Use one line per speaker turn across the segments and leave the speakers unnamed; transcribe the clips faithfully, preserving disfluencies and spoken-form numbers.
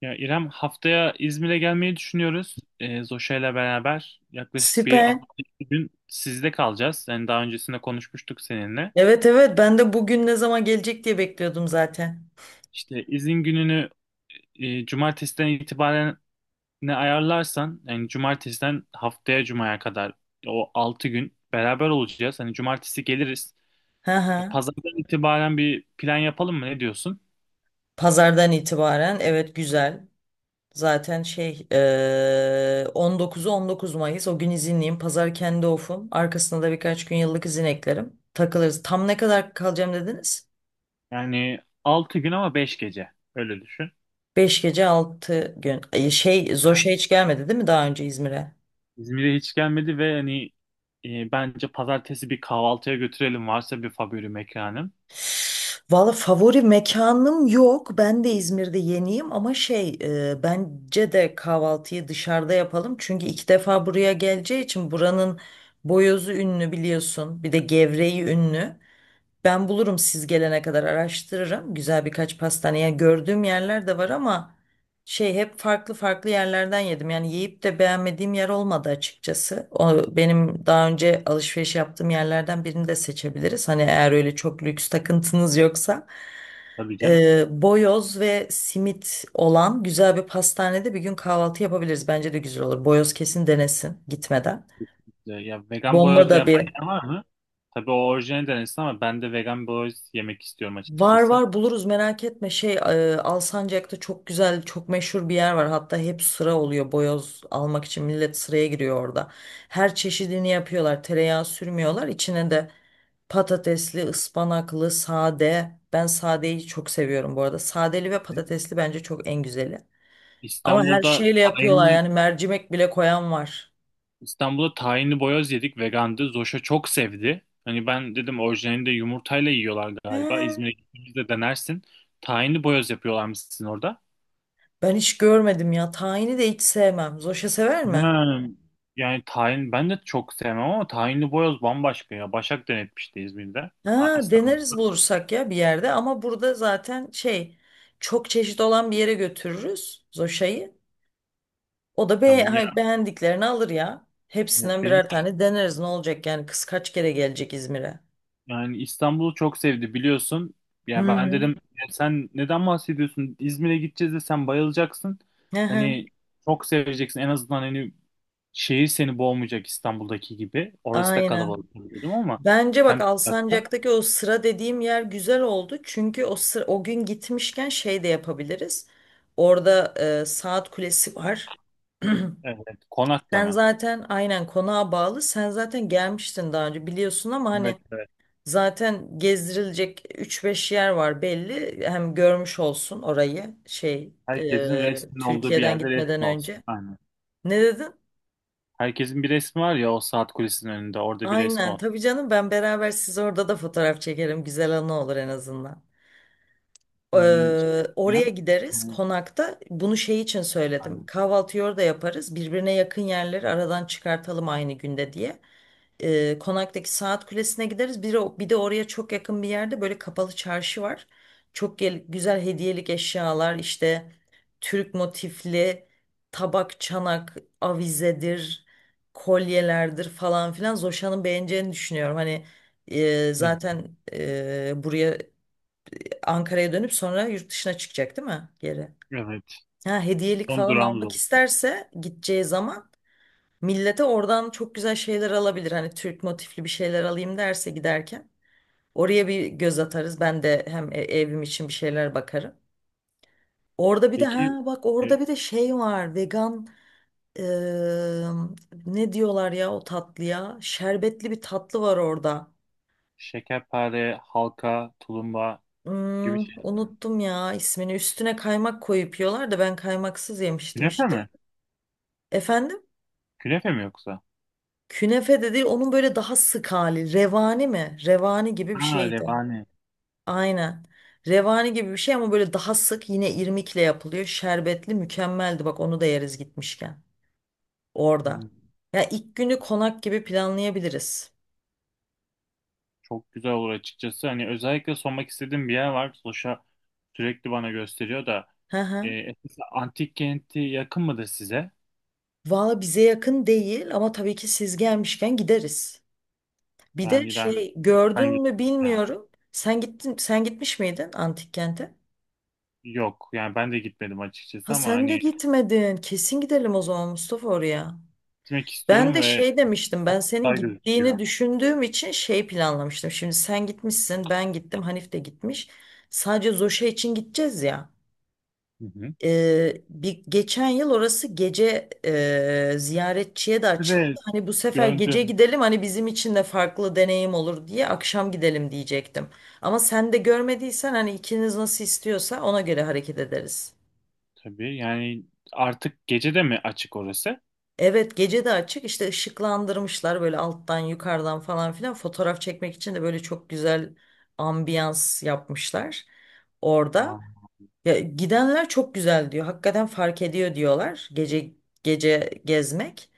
Ya İrem haftaya İzmir'e gelmeyi düşünüyoruz. Ee, Zoşa ile beraber yaklaşık bir
Süper.
hafta iki gün sizde kalacağız. Yani daha öncesinde konuşmuştuk seninle.
Evet evet ben de bugün ne zaman gelecek diye bekliyordum zaten.
İşte izin gününü e, cumartesiden itibaren ne ayarlarsan yani cumartesiden haftaya cumaya kadar o altı gün beraber olacağız. Hani cumartesi geliriz.
Hı
E,
hı.
Pazardan itibaren bir plan yapalım mı? Ne diyorsun?
Pazardan itibaren evet güzel. Zaten şey eee on dokuzu on dokuz Mayıs o gün izinliyim. Pazar kendi ofum. Arkasına da birkaç gün yıllık izin eklerim. Takılırız. Tam ne kadar kalacağım dediniz?
Yani altı gün ama beş gece. Öyle düşün.
Beş gece altı gün. Ay, Şey Zoş'a hiç gelmedi değil mi daha önce İzmir'e?
İzmir'e hiç gelmedi ve hani e, bence pazartesi bir kahvaltıya götürelim varsa bir favori mekanım.
Valla favori mekanım yok. Ben de İzmir'de yeniyim ama şey e, bence de kahvaltıyı dışarıda yapalım. Çünkü iki defa buraya geleceği için buranın boyozu ünlü biliyorsun. Bir de gevreği ünlü. Ben bulurum siz gelene kadar araştırırım. Güzel birkaç pastaneye gördüğüm yerler de var ama şey hep farklı farklı yerlerden yedim. Yani yiyip de beğenmediğim yer olmadı açıkçası. O benim daha önce alışveriş yaptığım yerlerden birini de seçebiliriz. Hani eğer öyle çok lüks takıntınız yoksa.
Tabii canım.
Ee, boyoz ve simit olan güzel bir pastanede bir gün kahvaltı yapabiliriz. Bence de güzel olur. Boyoz kesin denesin gitmeden.
E, Ya vegan
Bomba
boyoz da
da
yapan
bir.
yer var mı? Tabii o orijinal denesin ama ben de vegan boyoz yemek istiyorum
Var
açıkçası.
var buluruz merak etme. Şey e, Alsancak'ta çok güzel, çok meşhur bir yer var. Hatta hep sıra oluyor boyoz almak için millet sıraya giriyor orada. Her çeşidini yapıyorlar. Tereyağı sürmüyorlar. İçine de patatesli, ıspanaklı, sade. Ben sadeyi çok seviyorum bu arada. Sadeli ve patatesli bence çok en güzeli. Ama her
İstanbul'da
şeyle yapıyorlar
tahinli
yani mercimek bile koyan var.
İstanbul'da tahinli boyoz yedik vegandı. Zoş'a çok sevdi. Hani ben dedim orijinalinde yumurtayla yiyorlar galiba.
He.
İzmir'e gittiğimizde denersin. Tahinli boyoz yapıyorlarmış sizin orada.
Ben hiç görmedim ya. Tahini de hiç sevmem. Zoşa sever mi?
Ha, yani tahin ben de çok sevmem ama tahinli boyoz bambaşka ya. Başak denetmişti İzmir'de. Aa,
Ha, deneriz
İstanbul'da
bulursak ya bir yerde ama burada zaten şey çok çeşit olan bir yere götürürüz Zoşa'yı. O da be
tamam
ha, beğendiklerini alır ya.
ya.
Hepsinden birer tane deneriz ne olacak yani kız kaç kere gelecek İzmir'e.
Yani İstanbul'u çok sevdi biliyorsun.
Hı
Ya ben
hı.
dedim: "Ya sen neden bahsediyorsun? İzmir'e gideceğiz de sen bayılacaksın.
Hı hı.
Hani çok seveceksin. En azından hani şehir seni boğmayacak İstanbul'daki gibi. Orası da
Aynen.
kalabalık tabii dedim ama
Bence
hem
bak Alsancak'taki o sıra dediğim yer güzel oldu. Çünkü o sıra, o gün gitmişken şey de yapabiliriz. Orada e, saat kulesi var.
evet,
Sen
konaklama.
zaten aynen konağa bağlı. Sen zaten gelmiştin daha önce biliyorsun ama
Evet,
hani
evet.
zaten gezdirilecek üç beş yer var belli. Hem görmüş olsun orayı şey
Herkesin
e,
resmin olduğu bir
Türkiye'den
yerde
gitmeden
resmi
önce.
olsun. Aynen.
Ne dedin?
Herkesin bir resmi var ya o saat kulesinin önünde. Orada bir resmi
Aynen
olsun.
tabii canım ben beraber siz orada da fotoğraf çekerim. Güzel anı olur en azından.
Hmm,
Ee,
şey
Oraya
diyeceğim.
gideriz
Hı,
konakta. Bunu şey için söyledim.
aynen.
Kahvaltıyı orada yaparız. Birbirine yakın yerleri aradan çıkartalım aynı günde diye. e, Konak'taki Saat Kulesi'ne gideriz. Bir, o- bir de oraya çok yakın bir yerde böyle kapalı çarşı var. Çok gel- güzel hediyelik eşyalar işte Türk motifli tabak, çanak, avizedir, kolyelerdir falan filan. Zoşan'ın beğeneceğini düşünüyorum. Hani e,
Hı,
zaten e, buraya Ankara'ya dönüp sonra yurt dışına çıkacak değil mi geri?
evet.
Ha, hediyelik
Son
falan
durağımız
almak
oldu.
isterse gideceği zaman millete oradan çok güzel şeyler alabilir. Hani Türk motifli bir şeyler alayım derse giderken. Oraya bir göz atarız. Ben de hem e- evim için bir şeyler bakarım. Orada bir de
Peki
ha bak
e,
orada bir de şey var. Vegan eee, ne diyorlar ya o tatlıya? Şerbetli bir tatlı var orada.
Şekerpare, halka, tulumba gibi
Hmm,
şeyler mi?
unuttum ya ismini. Üstüne kaymak koyup yiyorlar da ben kaymaksız yemiştim
Künefe
işte.
mi?
Efendim?
Künefe mi yoksa?
Künefe de değil onun böyle daha sık hali. Revani mi? Revani gibi bir
Ha,
şeydi.
revani.
Aynen. Revani gibi bir şey ama böyle daha sık yine irmikle yapılıyor. Şerbetli mükemmeldi. Bak onu da yeriz gitmişken. Orada.
Hmm,
Ya ilk günü konak gibi planlayabiliriz.
Çok güzel olur açıkçası. Hani özellikle sormak istediğim bir yer var. Soşa sürekli bana gösteriyor da.
Hı
E,
hı.
Efes antik kenti yakın mıdır size?
Valla bize yakın değil ama tabii ki siz gelmişken gideriz. Bir de
Yani ben,
şey
ben
gördün mü
gittim.
bilmiyorum. Sen gittin, sen gitmiş miydin antik kente?
Yok. Yani ben de gitmedim
Ha
açıkçası ama
sen de
hani
gitmedin. Kesin gidelim o zaman Mustafa oraya.
gitmek
Ben
istiyorum
de
ve
şey demiştim ben senin
güzel
gittiğini
gözüküyor.
düşündüğüm için şey planlamıştım. Şimdi sen gitmişsin ben gittim Hanif de gitmiş. Sadece Zoşa için gideceğiz ya.
Hı hı.
Ee, bir geçen yıl orası gece e, ziyaretçiye de açıldı.
Ve
Hani bu sefer gece
gördüm
gidelim hani bizim için de farklı deneyim olur diye akşam gidelim diyecektim. Ama sen de görmediysen hani ikiniz nasıl istiyorsa ona göre hareket ederiz.
tabii. Yani artık gece de mi açık orası?
Evet gece de açık işte ışıklandırmışlar böyle alttan yukarıdan falan filan fotoğraf çekmek için de böyle çok güzel ambiyans yapmışlar orada. Ya, gidenler çok güzel diyor hakikaten fark ediyor diyorlar gece gece gezmek.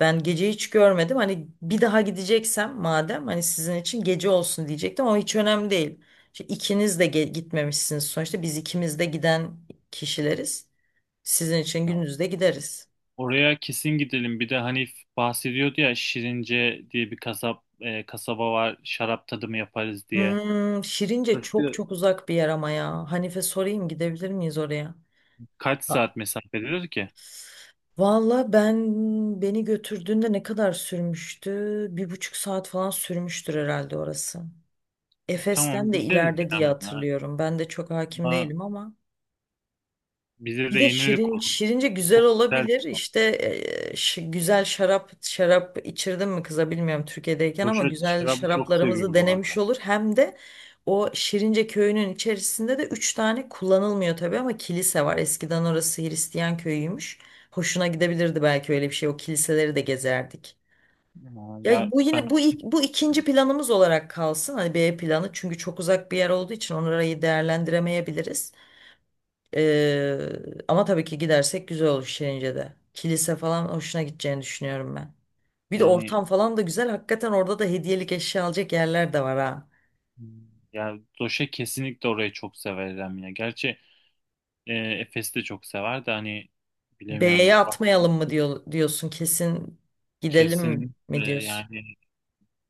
Ben gece hiç görmedim hani bir daha gideceksem madem hani sizin için gece olsun diyecektim ama hiç önemli değil. Şimdi ikiniz de ge- gitmemişsiniz sonuçta biz ikimiz de giden kişileriz sizin için
Aa.
gündüz de gideriz.
Oraya kesin gidelim. Bir de Hanif bahsediyordu ya Şirince diye bir kasap e, kasaba var. Şarap tadımı yaparız diye.
Hmm, Şirince çok
Orası
çok uzak bir yer ama ya. Hanife sorayım gidebilir miyiz oraya?
kaç
A-
saat mesafededir ki?
Valla ben beni götürdüğünde ne kadar sürmüştü? Bir buçuk saat falan sürmüştür herhalde orası.
E, Tamam
Efes'ten de
gideriz
ileride diye
dedim ya.
hatırlıyorum. Ben de çok hakim
Ama
değilim ama.
bize
Bir
de
de
yenilik
şirin,
olur.
Şirince güzel
Güzel.
olabilir. İşte e, şi- güzel şarap şarap içirdim mi kıza bilmiyorum Türkiye'deyken ama
Roşet
güzel
şarabı çok
şaraplarımızı
seviyor bu
denemiş
arada.
olur. Hem de o Şirince köyünün içerisinde de üç tane kullanılmıyor tabii ama kilise var. Eskiden orası Hristiyan köyüymüş. Hoşuna gidebilirdi belki öyle bir şey. O kiliseleri de gezerdik.
Aa,
Ya
Ya
bu yine
ben
bu ilk- bu ikinci planımız olarak kalsın. Hani B planı çünkü çok uzak bir yer olduğu için orayı değerlendiremeyebiliriz. Ee, Ama tabii ki gidersek güzel olur Şirince'de. Kilise falan hoşuna gideceğini düşünüyorum ben. Bir de
yani
ortam falan da güzel. Hakikaten orada da hediyelik eşya alacak yerler de var ha.
ya Doşe kesinlikle orayı çok severim ya. Gerçi e, Efes'i de çok sever de hani
B'ye
bilemiyorum. Bak
atmayalım mı diyor, diyorsun kesin gidelim mi
kesinlikle
diyorsun?
yani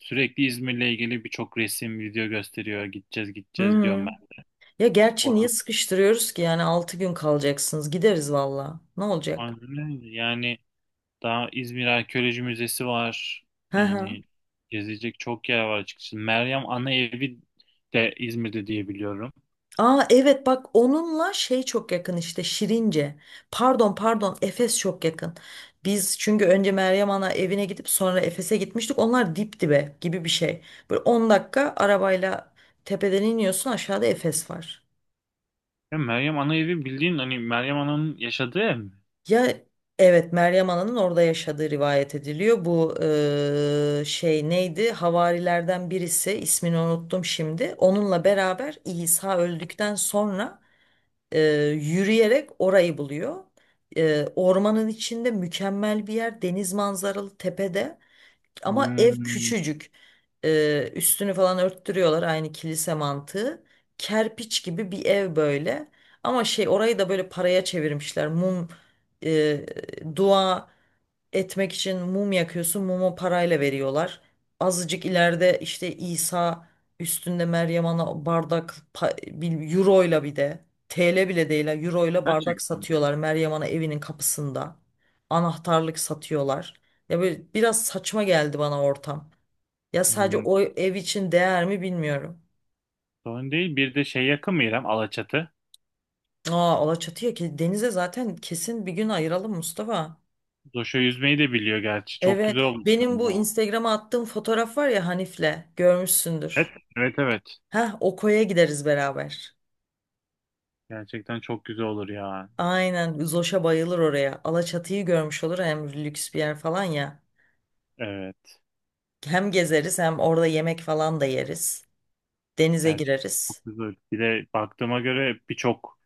Sürekli İzmir'le ilgili birçok resim, video gösteriyor. Gideceğiz,
Hı
gideceğiz diyorum
hı.
ben.
Ya gerçi niye
Oranın-
sıkıştırıyoruz ki yani altı gün kalacaksınız gideriz valla. Ne olacak?
Aynen. Yani daha İzmir Arkeoloji Müzesi var.
Hı hı.
Yani gezilecek çok yer var açıkçası. Meryem Ana Evi de İzmir'de diye biliyorum.
Aa evet bak onunla şey çok yakın işte Şirince. Pardon pardon Efes çok yakın. Biz çünkü önce Meryem Ana evine gidip sonra Efes'e gitmiştik. Onlar dip dibe gibi bir şey. Böyle on dakika arabayla tepeden iniyorsun aşağıda Efes var.
Ya Meryem Ana Evi bildiğin hani Meryem Ana'nın yaşadığı ev mi?
Ya evet Meryem Ana'nın orada yaşadığı rivayet ediliyor. Bu eee, şey neydi? Havarilerden birisi ismini unuttum şimdi. Onunla beraber İsa öldükten sonra e, yürüyerek orayı buluyor. E, ormanın içinde mükemmel bir yer, deniz manzaralı tepede ama ev
Hmm,
küçücük. E, üstünü falan örttürüyorlar aynı kilise mantığı. Kerpiç gibi bir ev böyle. Ama şey orayı da böyle paraya çevirmişler. Mum, e, dua etmek için mum yakıyorsun. Mumu parayla veriyorlar. Azıcık ileride işte İsa üstünde Meryem Ana bardak pa- bil- euro ile bir de T L bile değil ha, euro ile bardak
gerçekten. mi?
satıyorlar Meryem Ana evinin kapısında. Anahtarlık satıyorlar. Ya böyle biraz saçma geldi bana ortam. Ya sadece
Hmm,
o ev için değer mi bilmiyorum.
Sorun değil. Bir de şey yakın mı İrem? Alaçatı.
Aa Alaçatı'ya ki denize zaten kesin bir gün ayıralım Mustafa.
Zoş'a yüzmeyi de biliyor gerçi. Çok
Evet,
güzel olur
benim bu
ya.
Instagram'a attığım fotoğraf var ya Hanif'le
Evet,
görmüşsündür.
evet, evet.
Heh, o koya gideriz beraber.
Gerçekten çok güzel olur ya.
Aynen Zoş'a bayılır oraya. Alaçatı'yı görmüş olur hem lüks bir yer falan ya.
Evet.
Hem gezeriz hem orada yemek falan da yeriz. Denize
Gerçekten
gireriz.
çok güzel. Bir de baktığıma göre birçok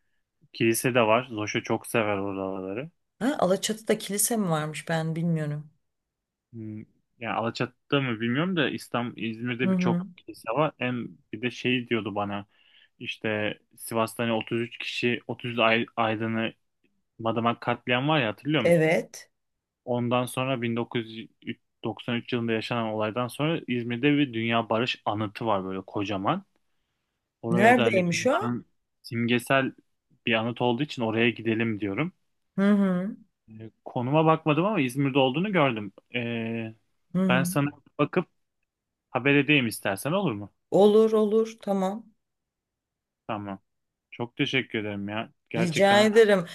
kilise de var. Zoş'a çok sever oraları.
Ha, Alaçatı'da kilise mi varmış ben bilmiyorum.
Hmm, Yani Alaçatı'da mı bilmiyorum da İstanbul,
Hı
İzmir'de
hı.
birçok kilise var. Hem bir de şey diyordu bana işte Sivas'ta hani otuz üç kişi otuz ay- aydını Madımak katliam var ya hatırlıyor musun?
Evet.
Ondan sonra bin dokuz yüz doksan üç yılında yaşanan olaydan sonra İzmir'de bir Dünya Barış Anıtı var böyle kocaman. Oraya da hani
Neredeymiş o?
dünyanın simgesel bir anıt olduğu için oraya gidelim diyorum.
Hı hı.
Ee, Konuma bakmadım ama İzmir'de olduğunu gördüm. Ee,
Hı
ben
hı.
sana bakıp haber edeyim istersen olur mu?
Olur olur tamam.
Tamam. Çok teşekkür ederim ya.
Rica
Gerçekten
ederim.